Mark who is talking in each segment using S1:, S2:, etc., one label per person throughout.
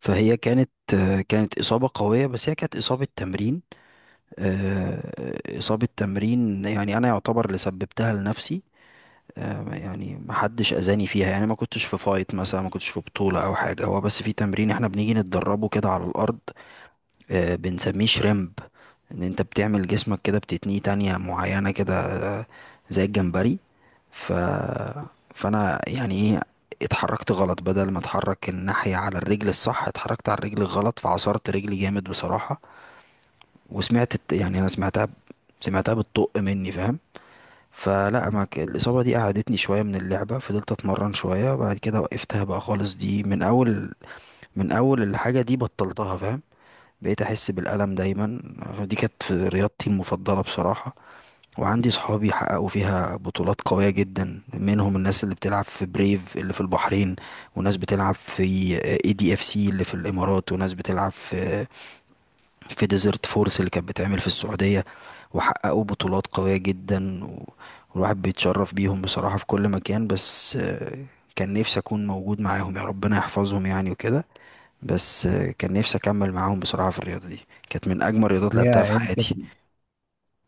S1: فهي كانت كانت إصابة قوية، بس هي كانت إصابة تمرين. إصابة تمرين، يعني أنا يعتبر اللي سببتها لنفسي. يعني ما حدش أذاني فيها، يعني ما كنتش في فايت مثلا، ما كنتش في بطولة أو حاجة، هو بس في تمرين إحنا بنيجي نتدربه كده على الأرض. بنسميه شريمب. انت بتعمل جسمك كده، بتتنيه تانية معينة كده، آه، زي الجمبري. ف... فانا يعني ايه، اتحركت غلط، بدل ما اتحرك الناحية على الرجل الصح اتحركت على الرجل الغلط، فعصرت رجلي جامد بصراحة. وسمعت يعني انا سمعتها بتطق مني، فاهم؟ فلا
S2: هي
S1: ما ك... الإصابة دي قعدتني شوية من اللعبة، فضلت أتمرن شوية بعد كده وقفتها بقى خالص، دي من أول الحاجة دي بطلتها، فاهم؟ بقيت احس بالالم دايما. دي كانت رياضتي المفضله بصراحه، وعندي صحابي حققوا فيها بطولات قويه جدا، منهم الناس اللي بتلعب في بريف اللي في البحرين، وناس بتلعب في اي دي اف سي اللي في الامارات، وناس بتلعب في ديزرت فورس اللي كانت بتعمل في السعوديه، وحققوا بطولات قويه جدا، والواحد بيتشرف بيهم بصراحه في كل مكان. بس كان نفسي اكون موجود معاهم، يا ربنا يحفظهم يعني وكده. بس كان نفسي اكمل معاهم بصراحه في الرياضه دي، كانت من اجمل الرياضات اللي لعبتها في
S2: هي كانت
S1: حياتي.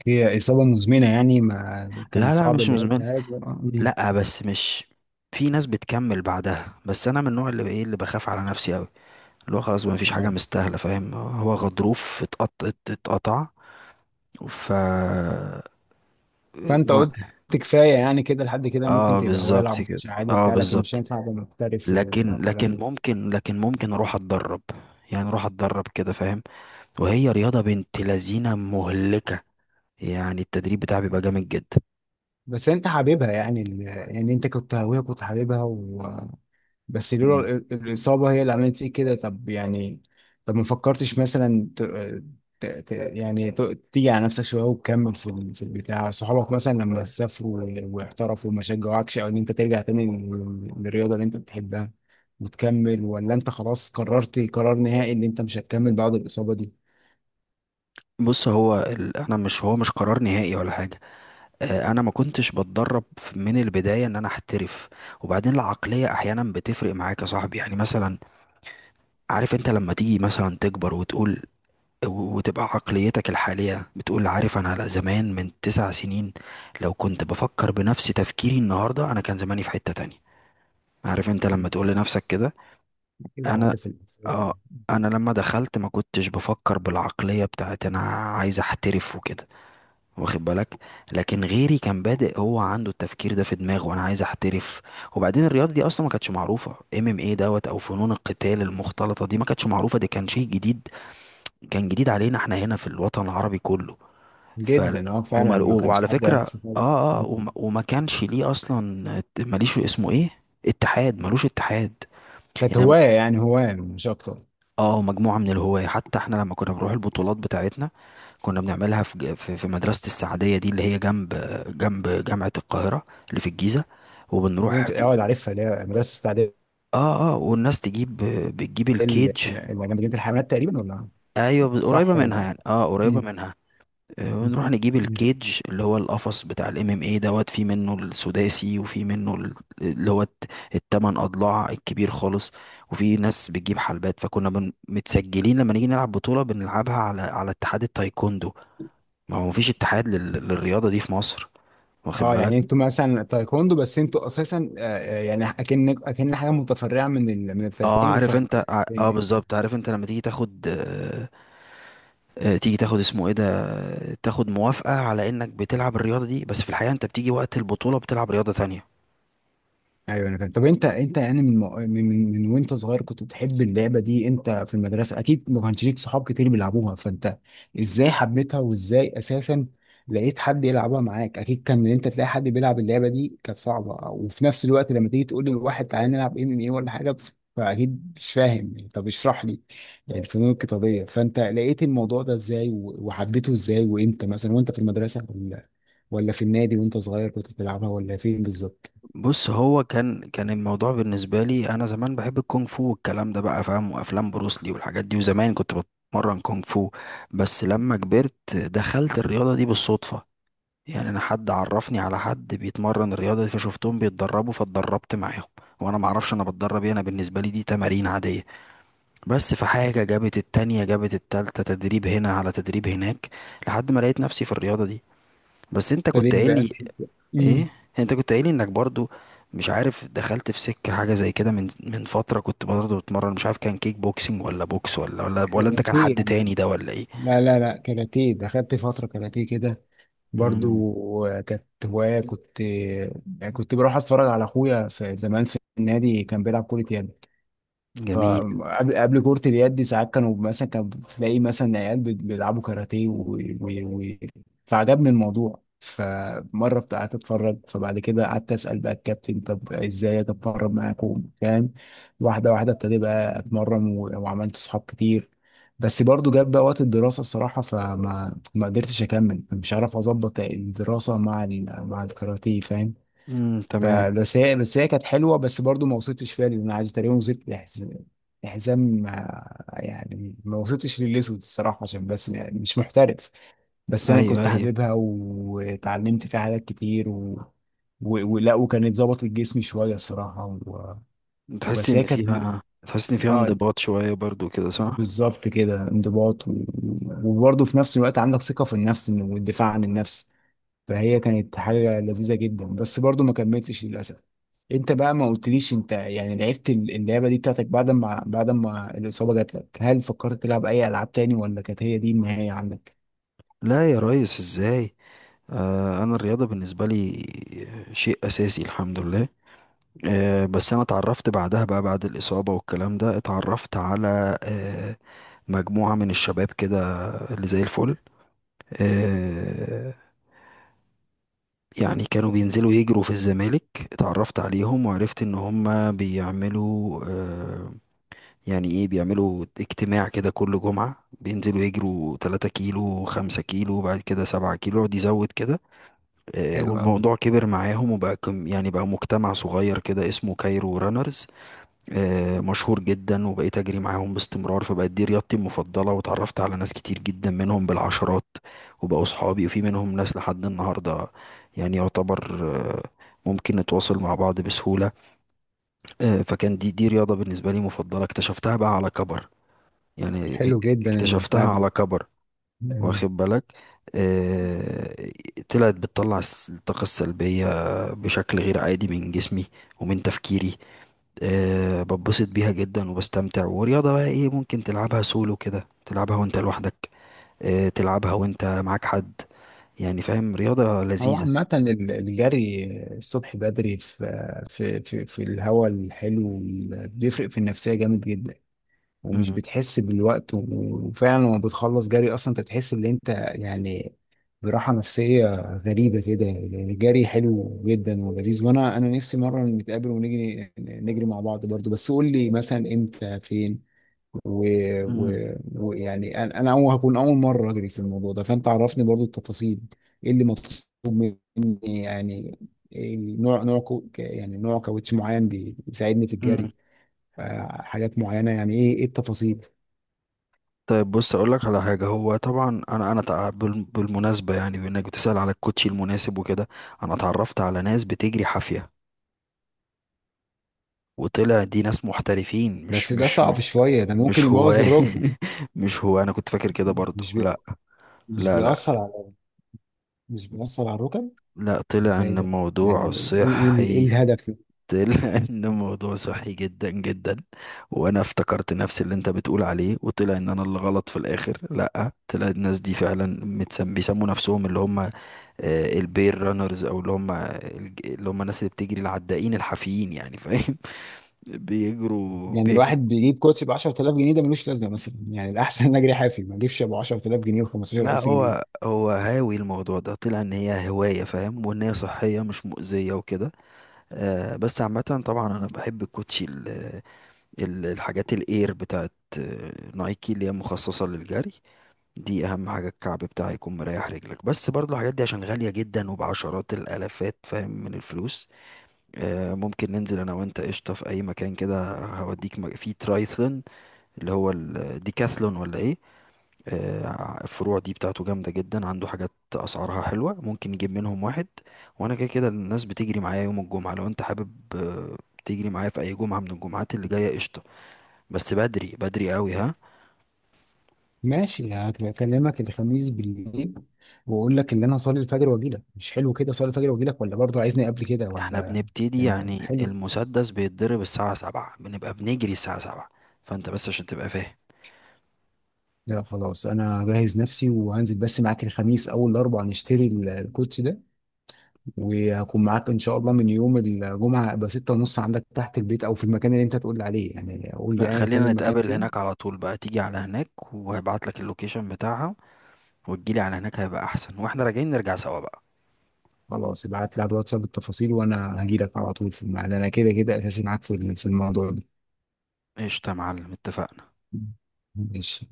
S2: هي إصابة مزمنة يعني ما كان
S1: لا لا،
S2: صعب
S1: مش
S2: اللي هي
S1: مزمن.
S2: تهاج؟
S1: لا بس مش، في ناس بتكمل بعدها، بس انا من النوع اللي ايه، اللي بخاف على نفسي قوي، اللي هو خلاص ما فيش حاجه
S2: اه،
S1: مستاهله، فاهم؟ هو غضروف اتقطع اتقطع. ف
S2: فأنت
S1: و...
S2: قلت كفاية يعني كده، لحد كده ممكن
S1: اه،
S2: تبقى هواية، يلعب
S1: بالظبط كده.
S2: ماتش عادي
S1: اه،
S2: بتاع، لكن مش
S1: بالظبط.
S2: هينفع تبقى محترف
S1: لكن
S2: والكلام
S1: لكن
S2: ده.
S1: ممكن لكن ممكن اروح اتدرب، يعني اروح اتدرب كده، فاهم؟ وهي رياضه بنت لذينه مهلكه، يعني التدريب بتاعها بيبقى جامد جدا.
S2: بس أنت حاببها يعني، أنت كنت هواية، كنت حاببها، بس لولا
S1: مم.
S2: الإصابة هي اللي عملت فيك كده. طب يعني، طب ما فكرتش مثلا ت... ت... يعني ت... تيجي على نفسك شوية وتكمل في البتاع؟ صحابك مثلا لما سافروا واحترفوا ما شجعوكش؟ أو إن أنت ترجع تاني للرياضة اللي أنت بتحبها وتكمل، ولا أنت خلاص قررت قرار نهائي إن أنت مش هتكمل بعد الإصابة دي؟
S1: بص، انا، مش هو مش قرار نهائي ولا حاجه. انا ما كنتش بتدرب من البدايه ان انا احترف. وبعدين العقليه احيانا بتفرق معاك يا صاحبي، يعني مثلا عارف انت، لما تيجي مثلا تكبر وتقول، وتبقى عقليتك الحاليه بتقول عارف انا، لا زمان من 9 سنين، لو كنت بفكر بنفس تفكيري النهارده، انا كان زماني في حته تانية، عارف انت لما
S2: كان
S1: تقول لنفسك كده؟
S2: أكيد
S1: انا،
S2: عارف الإحساس ده.
S1: اه، انا لما دخلت ما كنتش بفكر بالعقليه بتاعت انا عايز احترف وكده، واخد بالك؟ لكن غيري كان بادئ، هو عنده التفكير ده في دماغه، وانا عايز احترف. وبعدين الرياضه دي اصلا ما كانتش معروفه، ام ام ايه دوت، او فنون القتال المختلطه دي ما كانتش معروفه، دي كان شيء جديد، كان جديد علينا احنا هنا في الوطن العربي كله. ف
S2: جدا أه، فعلا ما كانش
S1: وعلى
S2: حد
S1: فكره،
S2: يعرفه خالص.
S1: اه اه، وما كانش ليه اصلا، ماليش اسمه ايه، اتحاد، ملوش اتحاد.
S2: كانت
S1: يعني،
S2: هواية يعني، هواية مش أكتر.
S1: اه، مجموعة من الهواة، حتى احنا لما كنا بنروح البطولات بتاعتنا كنا بنعملها في في مدرسة السعدية دي اللي هي جنب، جنب جامعة القاهرة اللي في الجيزة،
S2: دي
S1: وبنروح
S2: انت
S1: في،
S2: اقعد عارفها اللي هي مدرسة
S1: اه اه والناس تجيب، بتجيب الكيج.
S2: جمعية الحيوانات تقريبا، ولا
S1: ايوه، قريبة
S2: صح ولا
S1: منها
S2: لا؟
S1: يعني، اه، قريبة
S2: مم.
S1: منها.
S2: مم.
S1: ونروح نجيب
S2: مم.
S1: الكيج، اللي هو القفص بتاع الام ام اي دوت، في منه السداسي، وفي منه اللي هو الت- التمن اضلاع الكبير خالص. وفي ناس بتجيب حلبات، متسجلين، لما نيجي نلعب بطولة بنلعبها على اتحاد التايكوندو، ما هو مفيش اتحاد للرياضة دي في مصر، واخد
S2: اه
S1: بالك؟
S2: يعني انتوا مثلا تايكوندو، بس انتوا اساسا يعني اكن حاجه متفرعه من من
S1: اه
S2: التايكوندو. ف
S1: عارف انت اه،
S2: يعني
S1: بالظبط، عارف انت لما تيجي تاخد آه، تيجي تاخد اسمه ايه ده، تاخد موافقة على انك بتلعب الرياضة دي، بس في الحقيقة انت بتيجي وقت البطولة بتلعب رياضة تانية.
S2: ايوه انا فاهم. طب انت انت يعني من وانت صغير كنت بتحب اللعبه دي، انت في المدرسه اكيد ما كانش ليك صحاب كتير بيلعبوها، فانت ازاي حبيتها وازاي اساسا لقيت حد يلعبها معاك؟ اكيد كان ان انت تلاقي حد بيلعب اللعبه دي كانت صعبه، وفي نفس الوقت لما تيجي تقول للواحد تعالى نلعب ام ام ايه ولا حاجه، فاكيد مش فاهم. طب اشرح لي الفنون القتاليه، فانت لقيت الموضوع ده ازاي، وحبيته ازاي وامتى؟ مثلا وانت في المدرسه ولا، ولا في النادي وانت صغير كنت بتلعبها، ولا فين بالظبط
S1: بص هو كان الموضوع بالنسبة لي، أنا زمان بحب الكونغ فو والكلام ده بقى، فاهم، وأفلام بروسلي والحاجات دي، وزمان كنت بتمرن كونغ فو. بس لما كبرت دخلت الرياضة دي بالصدفة، يعني أنا حد عرفني على حد بيتمرن الرياضة دي، فشفتهم بيتدربوا فاتدربت معاهم، وأنا معرفش أنا بتدرب إيه، أنا بالنسبة لي دي تمارين عادية، بس في حاجة جابت التانية، جابت التالتة، تدريب هنا على تدريب هناك، لحد ما لقيت نفسي في الرياضة دي. بس أنت
S2: ابتديت
S1: كنت قايل لي
S2: بأكل؟ امم،
S1: ايه، انت كنت قايل انك برضو مش عارف دخلت في سكة حاجة زي كده من فترة، كنت برضو بتمرن، مش عارف كان كيك بوكسينج ولا بوكس ولا انت كان
S2: كاراتيه
S1: حد
S2: يعني؟
S1: تاني ده ولا ايه؟
S2: لا لا لا، كاراتيه دخلت فترة كاراتيه كده،
S1: امم،
S2: برضو كانت هواية، كنت بروح اتفرج على اخويا في زمان في النادي كان بيلعب كرة يد.
S1: جميل.
S2: فقبل كرة اليد دي ساعات كانوا مثلا، كانوا بتلاقي مثلا عيال بيلعبوا كاراتيه فعجبني الموضوع. فمرة قعدت اتفرج، فبعد كده قعدت اسأل بقى الكابتن طب ازاي اتمرن معاكم، فاهم؟ واحدة واحدة ابتدي بقى اتمرن وعملت صحاب كتير. بس برضو جاب بقى وقت الدراسة الصراحة، فما ما قدرتش اكمل، مش عارف اظبط الدراسة مع مع الكاراتيه، فاهم؟
S1: امم، تمام.
S2: فبس هي كانت حلوه، بس برضو ما وصلتش فيها، لان انا عايز تقريبا وصلت لحزام يعني ما وصلتش للاسود الصراحه، عشان بس يعني مش محترف. بس انا
S1: ايوه
S2: كنت
S1: ايوه،
S2: حاببها واتعلمت فيها حاجات كتير و... و... ولا وكانت ظبطت جسمي شويه الصراحه و...
S1: تحس
S2: بس
S1: ان
S2: هي كانت
S1: فيها تحس ان فيها
S2: اه
S1: انضباط شوية برضو كده صح؟
S2: بالظبط كده، انضباط، وبرضه في نفس الوقت عندك ثقه في النفس والدفاع عن النفس. فهي كانت حاجه لذيذه جدا، بس برضه ما كملتش للاسف. انت بقى ما قلتليش، انت يعني لعبت اللعبه دي بتاعتك، بعد ما بعد ما الاصابه جات لك، هل فكرت تلعب اي العاب تاني، ولا كانت هي دي النهايه عندك؟
S1: لا يا ريس، ازاي؟ آه، انا الرياضة بالنسبة لي شيء اساسي الحمد لله. بس انا اتعرفت بعدها بقى، بعد الاصابه والكلام ده، اتعرفت على مجموعه من الشباب كده اللي زي الفل، آه، يعني كانوا بينزلوا يجروا في الزمالك. اتعرفت عليهم، وعرفت ان هم بيعملوا يعني ايه، بيعملوا اجتماع كده كل جمعه، بينزلوا يجروا 3 كيلو، 5 كيلو، بعد كده 7 كيلو، يقعد يزود كده.
S2: حلو أوي.
S1: والموضوع كبر معاهم، وبقى يعني بقى مجتمع صغير كده اسمه كايرو رانرز. مشهور جدا، وبقيت اجري معاهم باستمرار، فبقت دي رياضتي المفضله، واتعرفت على ناس كتير جدا منهم بالعشرات، وبقوا صحابي، وفي منهم ناس لحد النهارده، يعني يعتبر ممكن نتواصل مع بعض بسهوله. فكان دي رياضه بالنسبه لي مفضله، اكتشفتها بقى على كبر، يعني
S2: حلو جدا
S1: اكتشفتها
S2: البتاع دي.
S1: على كبر،
S2: مم.
S1: واخد بالك؟ آه، طلعت بتطلع الطاقة السلبية بشكل غير عادي من جسمي ومن تفكيري. بتبسط بيها جدا وبستمتع، ورياضة بقى ايه، ممكن تلعبها سولو كده، تلعبها وانت لوحدك، تلعبها وانت معاك حد، يعني فاهم، رياضة
S2: هو
S1: لذيذة.
S2: عامة الجري الصبح بدري في الهواء الحلو بيفرق في النفسية جامد جدا، ومش
S1: مم،
S2: بتحس بالوقت، وفعلا لما بتخلص جري اصلا انت بتحس ان انت يعني براحة نفسية غريبة كده. يعني الجري حلو جدا ولذيذ، وانا نفسي مرة نتقابل ونجري، نجري مع بعض برضو، بس قول لي مثلا امتى فين ويعني
S1: مم،
S2: انا أول هكون اول مرة اجري في الموضوع ده، فانت عرفني برضو التفاصيل. ايه اللي مطلوب مني يعني؟ إيه نوع نوع كو... يعني نوع كاوتش معين بيساعدني في
S1: مم.
S2: الجري؟ حاجات معينة يعني، ايه ايه التفاصيل؟
S1: طيب، بص اقول لك على حاجة، هو طبعا انا، بالمناسبة يعني، بانك بتسأل على الكوتشي المناسب وكده، انا اتعرفت على ناس بتجري حافية، وطلع دي ناس محترفين،
S2: بس ده صعب شوية، ده ممكن
S1: مش هو.
S2: يبوظ الركبة.
S1: مش هو، انا كنت فاكر كده برضو،
S2: مش بي...
S1: لا.
S2: مش
S1: لا لا،
S2: بيأثر على، مش بيأثر على الركب؟
S1: لا طلع
S2: ازاي
S1: ان
S2: بقى؟ يعني
S1: الموضوع
S2: ايه، ايه
S1: صحي.
S2: الهدف؟
S1: لأن الموضوع صحي جدا جدا، وأنا افتكرت نفس اللي أنت بتقول عليه، وطلع إن أنا اللي غلط في الآخر. لأ، طلع الناس دي فعلا متسم، بيسموا نفسهم اللي هم البير رانرز، أو اللي هم الناس اللي بتجري، العدائين الحافيين يعني، فاهم؟ بيجروا
S2: يعني الواحد
S1: بيجروا.
S2: بيجيب كوتش ب 10000 جنيه، ده ملوش لازمة مثلا. يعني الأحسن إن أجري حافي ما أجيبش أبو 10000 جنيه
S1: لا
S2: و15000
S1: هو
S2: جنيه.
S1: هو هاوي الموضوع ده، طلع ان هي هواية، فاهم، وان هي صحية مش مؤذية وكده. آه، بس عامة طبعا انا بحب الكوتشي، الحاجات الاير بتاعت نايكي اللي هي مخصصة للجري، دي اهم حاجة، الكعب بتاعها يكون مريح رجلك، بس برضو الحاجات دي عشان غالية جدا وبعشرات الالافات، فاهم، من الفلوس. ممكن ننزل انا وانت قشطة في اي مكان كده، هوديك في ترايثلون، اللي هو الديكاثلون ولا ايه، الفروع دي بتاعته جامدة جدا، عنده حاجات اسعارها حلوة ممكن نجيب منهم واحد. وانا كده كده الناس بتجري معايا يوم الجمعة، لو انت حابب تجري معايا في اي جمعة من الجمعات اللي جاية قشطة، بس بدري بدري قوي ها.
S2: ماشي، هكلمك الخميس بالليل وأقول لك إن أنا هصلي الفجر وأجي لك. مش حلو كده أصلي الفجر وأجي لك، ولا برضه عايزني قبل كده
S1: احنا
S2: ولا؟
S1: بنبتدي
S2: يعني
S1: يعني،
S2: حلو.
S1: المسدس بيتضرب الساعة 7، بنبقى بنجري الساعة 7، فانت بس عشان تبقى فاهم.
S2: لا خلاص، أنا جاهز نفسي وهنزل بس معاك الخميس أول أربعة نشتري الكوتش ده، وهكون معاك ان شاء الله من يوم الجمعه. ابقى 6 ونص عندك تحت البيت او في المكان اللي انت تقول لي عليه، يعني قول لي
S1: لا
S2: ايا كان
S1: خلينا
S2: المكان
S1: نتقابل هناك
S2: فين.
S1: على طول بقى، تيجي على هناك وهبعت لك اللوكيشن بتاعها، وتجيلي على هناك هيبقى احسن، واحنا راجعين نرجع سوا بقى.
S2: خلاص، ابعت لي على الواتساب التفاصيل وانا هجي لك على طول في الميعاد، انا كده كده اساسي معاك في الموضوع ده.
S1: قشطة يا معلم، اتفقنا.
S2: ماشي